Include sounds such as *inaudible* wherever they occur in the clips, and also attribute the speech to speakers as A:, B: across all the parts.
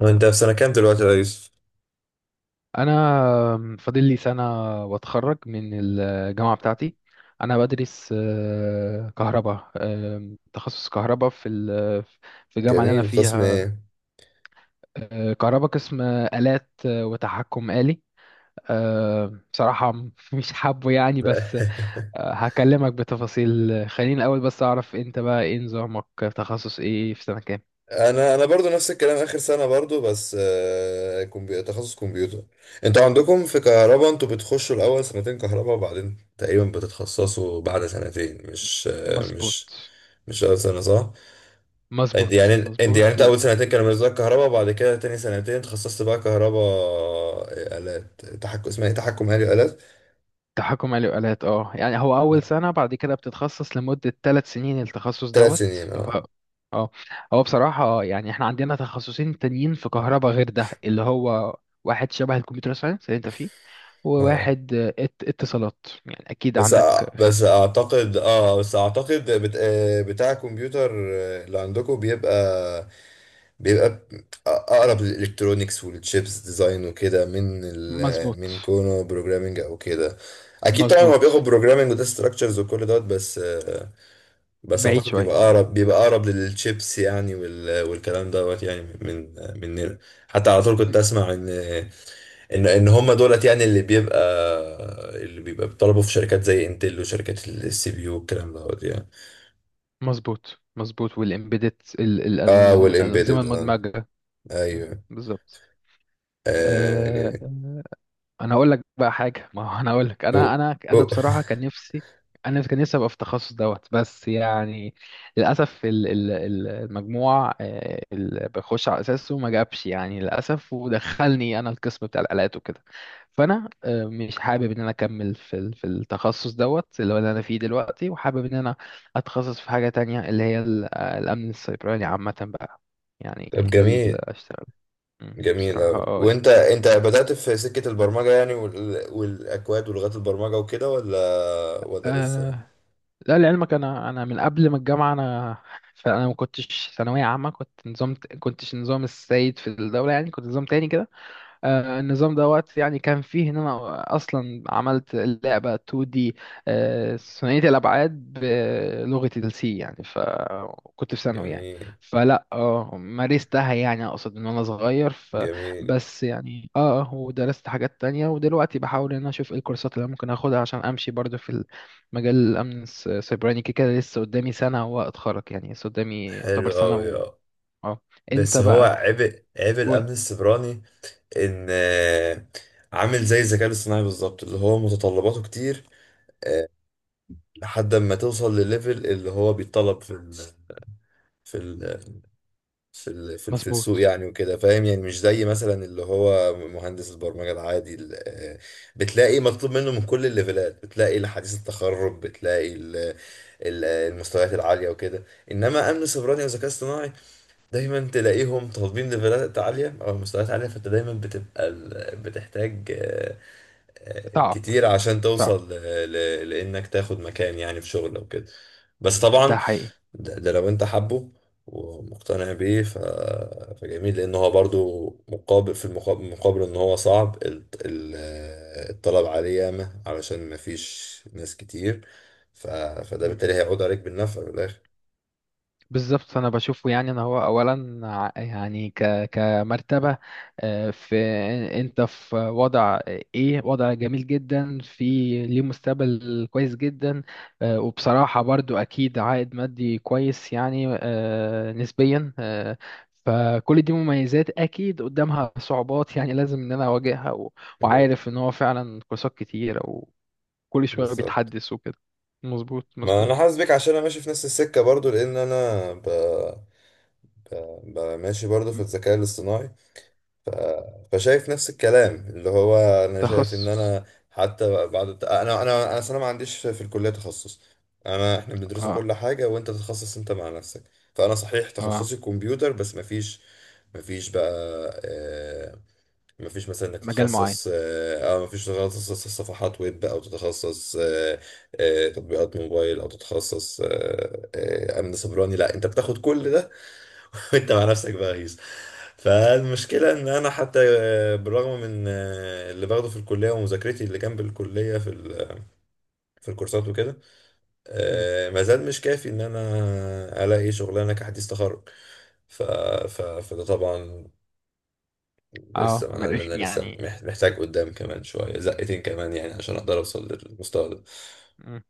A: وانت في سنة كام دلوقتي يا يوسف؟
B: انا فاضل لي سنه واتخرج من الجامعه بتاعتي. انا بدرس كهرباء، تخصص كهرباء في الجامعه اللي انا
A: جميل، قسم
B: فيها.
A: ايه؟
B: كهرباء، قسم آلات وتحكم آلي. بصراحه *laughs* مش حابه يعني،
A: *laughs*
B: بس
A: لا.
B: هكلمك بتفاصيل. خليني الاول بس اعرف انت بقى ايه نظامك، تخصص ايه في سنه كام؟
A: انا برضو نفس الكلام، اخر سنه برضو، بس تخصص كمبيوتر. انتوا عندكم في كهرباء، انتوا بتخشوا الاول سنتين كهرباء، وبعدين تقريبا بتتخصصوا بعد سنتين. مش
B: مظبوط،
A: مش اول سنه، صح؟ انت يعني
B: مظبوط،
A: انت يعني
B: مظبوط.
A: انت اول سنتين كانوا بالنسبه لك كهرباء، وبعد كده تاني سنتين تخصصت بقى كهرباء، آلات تحكم. اسمها ايه؟ تحكم آلي، آلات.
B: تحكم آلي وآلات. اه، يعني هو أول سنة، بعد كده بتتخصص لمدة ثلاث سنين التخصص
A: ثلاث
B: دوت.
A: سنين،
B: ف...
A: اه.
B: ف- اه، هو بصراحة يعني احنا عندنا تخصصين تانيين في كهرباء غير ده، اللي هو واحد شبه الكمبيوتر ساينس اللي انت فيه،
A: اه،
B: وواحد اتصالات، يعني أكيد عندك.
A: بس
B: خلف.
A: اعتقد، بس اعتقد بت... آه، بتاع الكمبيوتر اللي عندكم بيبقى، بيبقى اقرب للالكترونيكس والتشيبس ديزاين وكده،
B: مظبوط،
A: من كونه بروجرامنج او كده. اكيد طبعا هو
B: مظبوط.
A: بياخد بروجرامنج وده ستراكشرز وكل دوت، بس بس
B: بعيد
A: اعتقد
B: شوية
A: بيبقى
B: عنده.
A: اقرب بيبقى اقرب للتشيبس يعني، والكلام دوت يعني. من حتى على طول كنت اسمع ان هم دولت يعني اللي بيبقى بيطلبوا في شركات زي انتل، وشركات السي بي يو والكلام دوت يعني.
B: مظبوط، مظبوط. والإمبيدت
A: اه،
B: الأنظمة
A: والامبيدد، اه،
B: المدمجة. م،
A: ايوه.
B: بالظبط. آه،
A: جميل.
B: انا اقول لك بقى حاجه. *laughs* ما هو انا اقول لك، انا
A: أو،
B: انا انا
A: أو.
B: بصراحه كان نفسي. انا كان نفسي ابقى في التخصص دوت، بس يعني للاسف المجموع اللي بخش على اساسه ما جابش يعني، للاسف، ودخلني انا القسم بتاع الالات وكده. فانا مش حابب ان انا اكمل في التخصص دوت اللي هو اللي انا فيه دلوقتي، وحابب ان انا اتخصص في حاجه تانية، اللي هي الامن السيبراني عامه بقى.
A: *laughs*
B: يعني
A: طب
B: ده
A: جميل.
B: اللي اشتغل.
A: جميل
B: بصراحه،
A: أوي.
B: اه،
A: وانت بدأت في سكة البرمجة يعني، والاكواد ولغات البرمجة وكده، ولا لسه؟
B: يعني. لا، لعلمك انا من قبل ما الجامعه انا، فانا ما كنتش ثانويه عامه، كنت نظام، كنتش نظام السيد في الدوله يعني، كنت نظام تاني كده. النظام دوت يعني، كان فيه ان انا اصلا عملت لعبه 2D، ثنائيه الابعاد بلغه السي، يعني فكنت في ثانوي يعني.
A: جميل.
B: فلا، اه، مارستها يعني، اقصد ان انا صغير
A: جميل،
B: فبس يعني، اه، ودرست حاجات تانية. ودلوقتي بحاول ان انا اشوف ايه الكورسات اللي أنا ممكن اخدها عشان امشي برضو في مجال الامن السيبراني. كده كده لسه قدامي سنه واتخرج يعني، لسه قدامي يعتبر
A: حلو
B: سنه
A: أوي
B: و...
A: آه.
B: اه. انت
A: بس هو
B: بقى
A: عيب، عيب
B: قول.
A: الامن السيبراني، ان عامل زي الذكاء الاصطناعي بالظبط. اللي هو متطلباته كتير آه، لحد ما توصل لليفل اللي هو بيتطلب في ال في السوق
B: مظبوط.
A: يعني وكده، فاهم؟ يعني مش زي مثلا اللي هو مهندس البرمجة العادي، بتلاقي مطلوب منه من كل الليفلات، بتلاقي لحديث التخرج، بتلاقي المستويات العالية وكده. انما امن سيبراني وذكاء اصطناعي، دايما تلاقيهم طالبين ليفلات عالية أو مستويات عالية، فأنت دايما بتبقى بتحتاج
B: صعب،
A: كتير عشان
B: صعب.
A: توصل لإنك تاخد مكان يعني في شغل أو كده. بس
B: ده
A: طبعا،
B: حقيقي.
A: ده لو أنت حابه ومقتنع بيه فجميل. لأن هو برضو مقابل، في المقابل، مقابل إن هو صعب، الطلب عليه ياما علشان مفيش ناس كتير، ف... فده بالتالي
B: مهم.
A: هيعود عليك بالنفع في الآخر.
B: بالظبط، انا بشوفه يعني ان هو اولا يعني كمرتبه في، انت في وضع، ايه، وضع جميل جدا، في ليه مستقبل كويس جدا. وبصراحه برضو اكيد عائد مادي كويس يعني، نسبيا. فكل دي مميزات، اكيد قدامها صعوبات يعني، لازم ان انا اواجهها.
A: ب-
B: وعارف ان هو فعلا كورسات كتيره وكل شويه
A: بالظبط.
B: بيتحدث وكده. مظبوط،
A: ما انا
B: مظبوط.
A: حاسس بيك عشان انا ماشي في نفس السكه برضو، لان انا، ب... ماشي برضو في الذكاء الاصطناعي. فشايف نفس الكلام اللي هو، انا شايف ان
B: تخصص.
A: انا حتى بعد انا انا انا أصل انا ما عنديش في الكليه تخصص. انا، احنا بندرسه
B: اه.
A: كل حاجه، وانت تتخصص انت مع نفسك. فانا صحيح
B: اه.
A: تخصصي كمبيوتر، بس ما فيش بقى آه، مفيش مثلا انك
B: مجال معين.
A: تتخصص، مفيش تتخصص صفحات ويب، او تتخصص تطبيقات موبايل، او تتخصص امن سيبراني. لا، انت بتاخد كل ده *laughs* وانت مع نفسك بقى، غيظ.
B: م-
A: فالمشكله ان انا حتى بالرغم من اللي باخده في الكليه ومذاكرتي اللي جنب الكليه في الكورسات وكده،
B: م.
A: ما زال مش كافي ان انا الاقي شغلانه كحديث تخرج. فده طبعا.
B: اه،
A: لسه، ما انا
B: مريخ
A: أنا لسه
B: يعني.
A: محتاج قدام كمان شويه، زقتين كمان يعني عشان اقدر اوصل للمستوى ده.
B: م.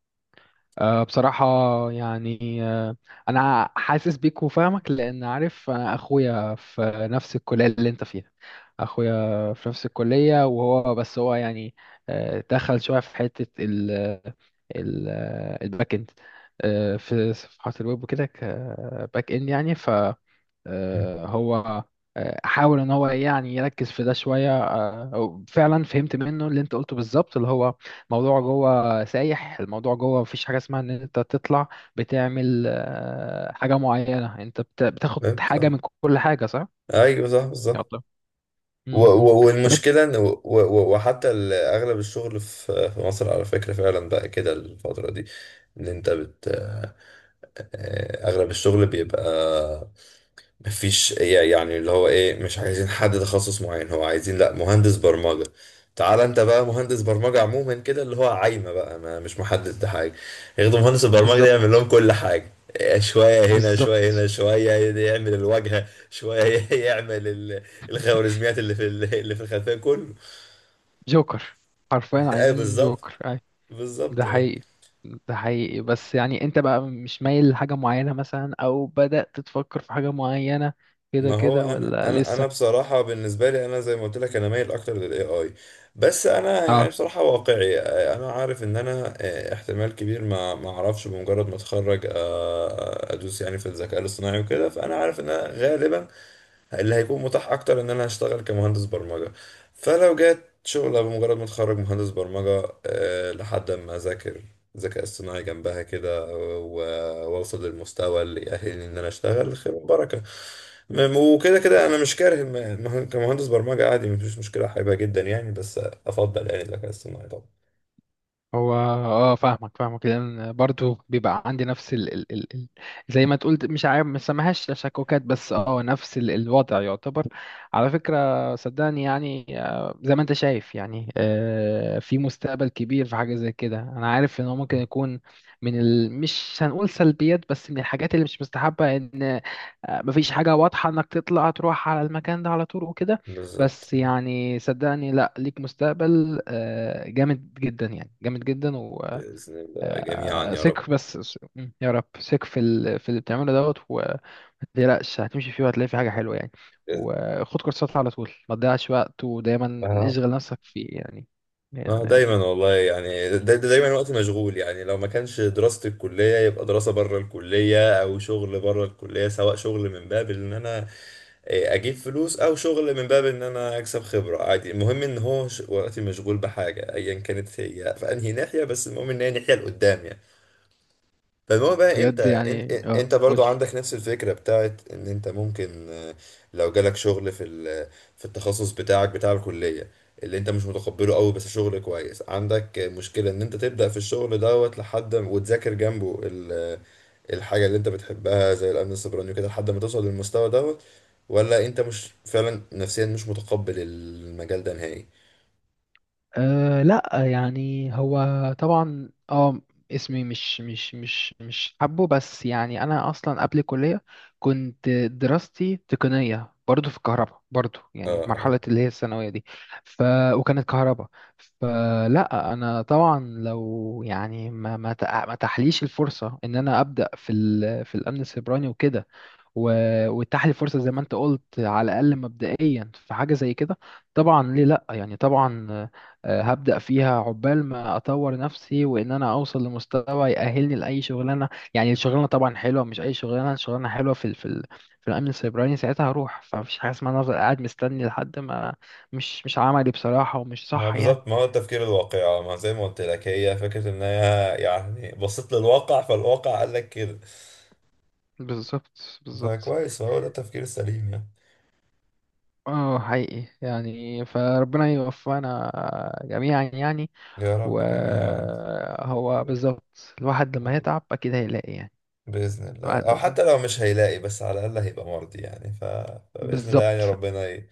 B: بصراحة يعني. أنا حاسس بيك وفاهمك، لأن عارف أنا أخويا في نفس الكلية اللي أنت فيها. أخويا في نفس الكلية، وهو بس هو يعني دخل شوية في حتة ال ال الباك إند، في صفحات الويب وكده كباك إند يعني. هو حاول ان هو يعني يركز في ده شويه. أو فعلا فهمت منه اللي انت قلته بالظبط، اللي هو موضوع جوه سايح، الموضوع جوه مفيش حاجه اسمها ان انت تطلع بتعمل حاجه معينه، انت بتاخد
A: فاهم؟ صح.
B: حاجه من كل حاجه. صح.
A: ايوه، صح
B: يلا.
A: بالظبط.
B: مم. مم. طب انت.
A: والمشكله ان، وحتى اغلب الشغل في مصر على فكره، فعلا بقى كده الفتره دي ان انت بت آه، آه، اغلب الشغل بيبقى مفيش يعني. اللي هو ايه، مش عايزين حد تخصص معين، هو عايزين لا، مهندس برمجة. تعال انت بقى مهندس برمجة عموما كده، اللي هو عايمة بقى، ما مش محدد حاجة. ياخدوا مهندس البرمجة ده يعمل لهم
B: بالظبط،
A: كل حاجة. إيه، شوية هنا، شوية هنا،
B: بالظبط.
A: شوية يعمل الواجهة، شوية *laughs* يعمل الخوارزميات اللي في الخلفية كله.
B: جوكر، حرفيا
A: *laughs* ايه،
B: عايزين
A: بالظبط.
B: جوكر. ده
A: بالظبط آه.
B: حقيقي، ده حقيقي. بس يعني انت بقى مش مايل لحاجة معينة مثلا، او بدأت تفكر في حاجة معينة، كده
A: ما هو،
B: كده
A: انا
B: ولا
A: انا انا
B: لسه؟
A: بصراحه بالنسبه لي، انا زي ما قلت لك، انا مايل اكتر للاي اي. بس انا يعني
B: اه،
A: بصراحه واقعي، انا عارف ان انا احتمال كبير ما اعرفش بمجرد ما اتخرج ادوس يعني في الذكاء الاصطناعي وكده. فانا عارف ان انا غالبا اللي هيكون متاح اكتر ان انا هشتغل كمهندس برمجة. فلو جت شغلة بمجرد ما اتخرج مهندس برمجة، لحد ما اذاكر ذكاء اصطناعي جنبها كده، واوصل للمستوى اللي يأهلني ان انا اشتغل، خير وبركة. وكده كده انا مش كاره كمهندس برمجة عادي، مفيش مشكلة. حاببها جدا يعني، بس افضل يعني الذكاء الاصطناعي طبعا.
B: هو، اه، فاهمك فاهمك، لان برضو بيبقى عندي نفس زي ما تقول، مش عارف ما سميهاش تشككات، بس اه، نفس الوضع يعتبر. على فكرة صدقني يعني، زي ما انت شايف يعني، في مستقبل كبير في حاجة زي كده. انا عارف ان هو ممكن يكون مش هنقول سلبيات، بس من الحاجات اللي مش مستحبة، ان مفيش حاجة واضحة انك تطلع تروح على المكان ده على طول وكده.
A: بالظبط.
B: بس يعني صدقني، لا، ليك مستقبل جامد جدا يعني، جامد جدا.
A: بإذن الله جميعا، يا رب.
B: وثق بس. يا رب، ثق في اللي بتعمله دوت، وما تقلقش، هتمشي فيه وهتلاقي فيه حاجة حلوة يعني. وخد كورسات على طول، ما تضيعش وقت، ودايما
A: بإذن-.
B: اشغل نفسك فيه يعني.
A: اه،
B: لأن
A: دايما والله يعني. دايما وقت مشغول يعني. لو ما كانش دراسة الكلية، يبقى دراسة بره الكلية، او شغل بره الكلية، سواء شغل من باب ان انا إيه، اجيب فلوس، او شغل من باب ان انا اكسب خبرة، عادي. المهم ان هو وقتي مشغول بحاجة ايا كانت هي في انهي ناحية، بس المهم ان هي ناحية لقدام يعني. فالمهم
B: يعني
A: بقى، انت
B: بجد
A: انت
B: يعني، اه،
A: انت برضو
B: قولي.
A: عندك نفس الفكرة بتاعت ان انت ممكن لو جالك شغل في التخصص بتاعك بتاع الكلية، اللي انت مش متقبله قوي، بس شغل كويس، عندك مشكلة ان انت تبدأ في الشغل دوت لحد وتذاكر جنبه الحاجة اللي انت بتحبها زي الامن السيبراني وكده، لحد ما توصل للمستوى دوت؟ ولا انت مش فعلا نفسيا مش متقبل المجال ده نهائي؟
B: أه لا، يعني هو طبعا، اه، اسمي مش مش مش مش حبه بس يعني، انا اصلا قبل الكليه كنت دراستي تقنيه برضو في الكهرباء برضو يعني، في
A: اه.
B: مرحله اللي هي الثانويه دي. ف وكانت كهرباء. فلا انا طبعا لو يعني ما تحليش الفرصه ان انا ابدا في الامن السيبراني وكده، واتاح لي فرصه زي ما انت قلت على الاقل مبدئيا في حاجه زي كده، طبعا ليه لا يعني، طبعا، هبدا فيها عقبال ما اطور نفسي وان انا اوصل لمستوى يأهلني لاي شغلانه يعني. الشغلانه طبعا حلوه، مش اي شغلانه، شغلانه حلوه في الامن السيبراني. ساعتها هروح، فمفيش حاجه اسمها إن انا افضل قاعد مستني لحد ما، مش مش عملي بصراحه ومش
A: ما
B: صح يعني.
A: بالظبط، ما هو التفكير الواقعي، ما زي ما قلت لك هي فكرة ان هي يعني بصيت للواقع، فالواقع قال لك كده.
B: بالظبط، بالظبط.
A: فكويس، هو ده التفكير السليم يعني.
B: اه، حقيقي يعني، فربنا يوفقنا جميعا يعني.
A: يا رب جميعا.
B: وهو بالظبط، الواحد لما يتعب أكيد هيلاقي يعني.
A: بإذن الله.
B: الواحد
A: أو
B: لما.
A: حتى لو مش هيلاقي، بس على الأقل هيبقى مرضي يعني فبإذن الله يعني.
B: بالظبط.
A: ربنا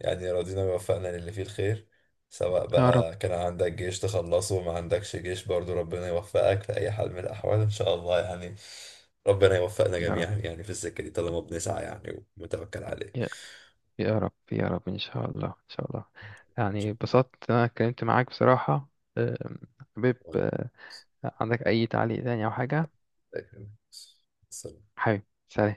A: يعني يرضينا ويوفقنا للي فيه الخير. سواء
B: يا رب،
A: بقى كان عندك جيش تخلصه، وما عندكش جيش، برضو ربنا يوفقك في أي حال من الأحوال، إن شاء الله يعني. ربنا يوفقنا
B: يا رب.
A: جميعا يعني في السكة دي، طالما بنسعى يعني ومتوكل عليه.
B: يا يا رب، يا رب، إن شاء الله، إن شاء الله. يعني اتبسطت إن أنا اتكلمت معاك بصراحة. أم، حبيب. عندك أي تعليق تاني أو حاجة؟
A: شكراً.
B: حبيب. سلام.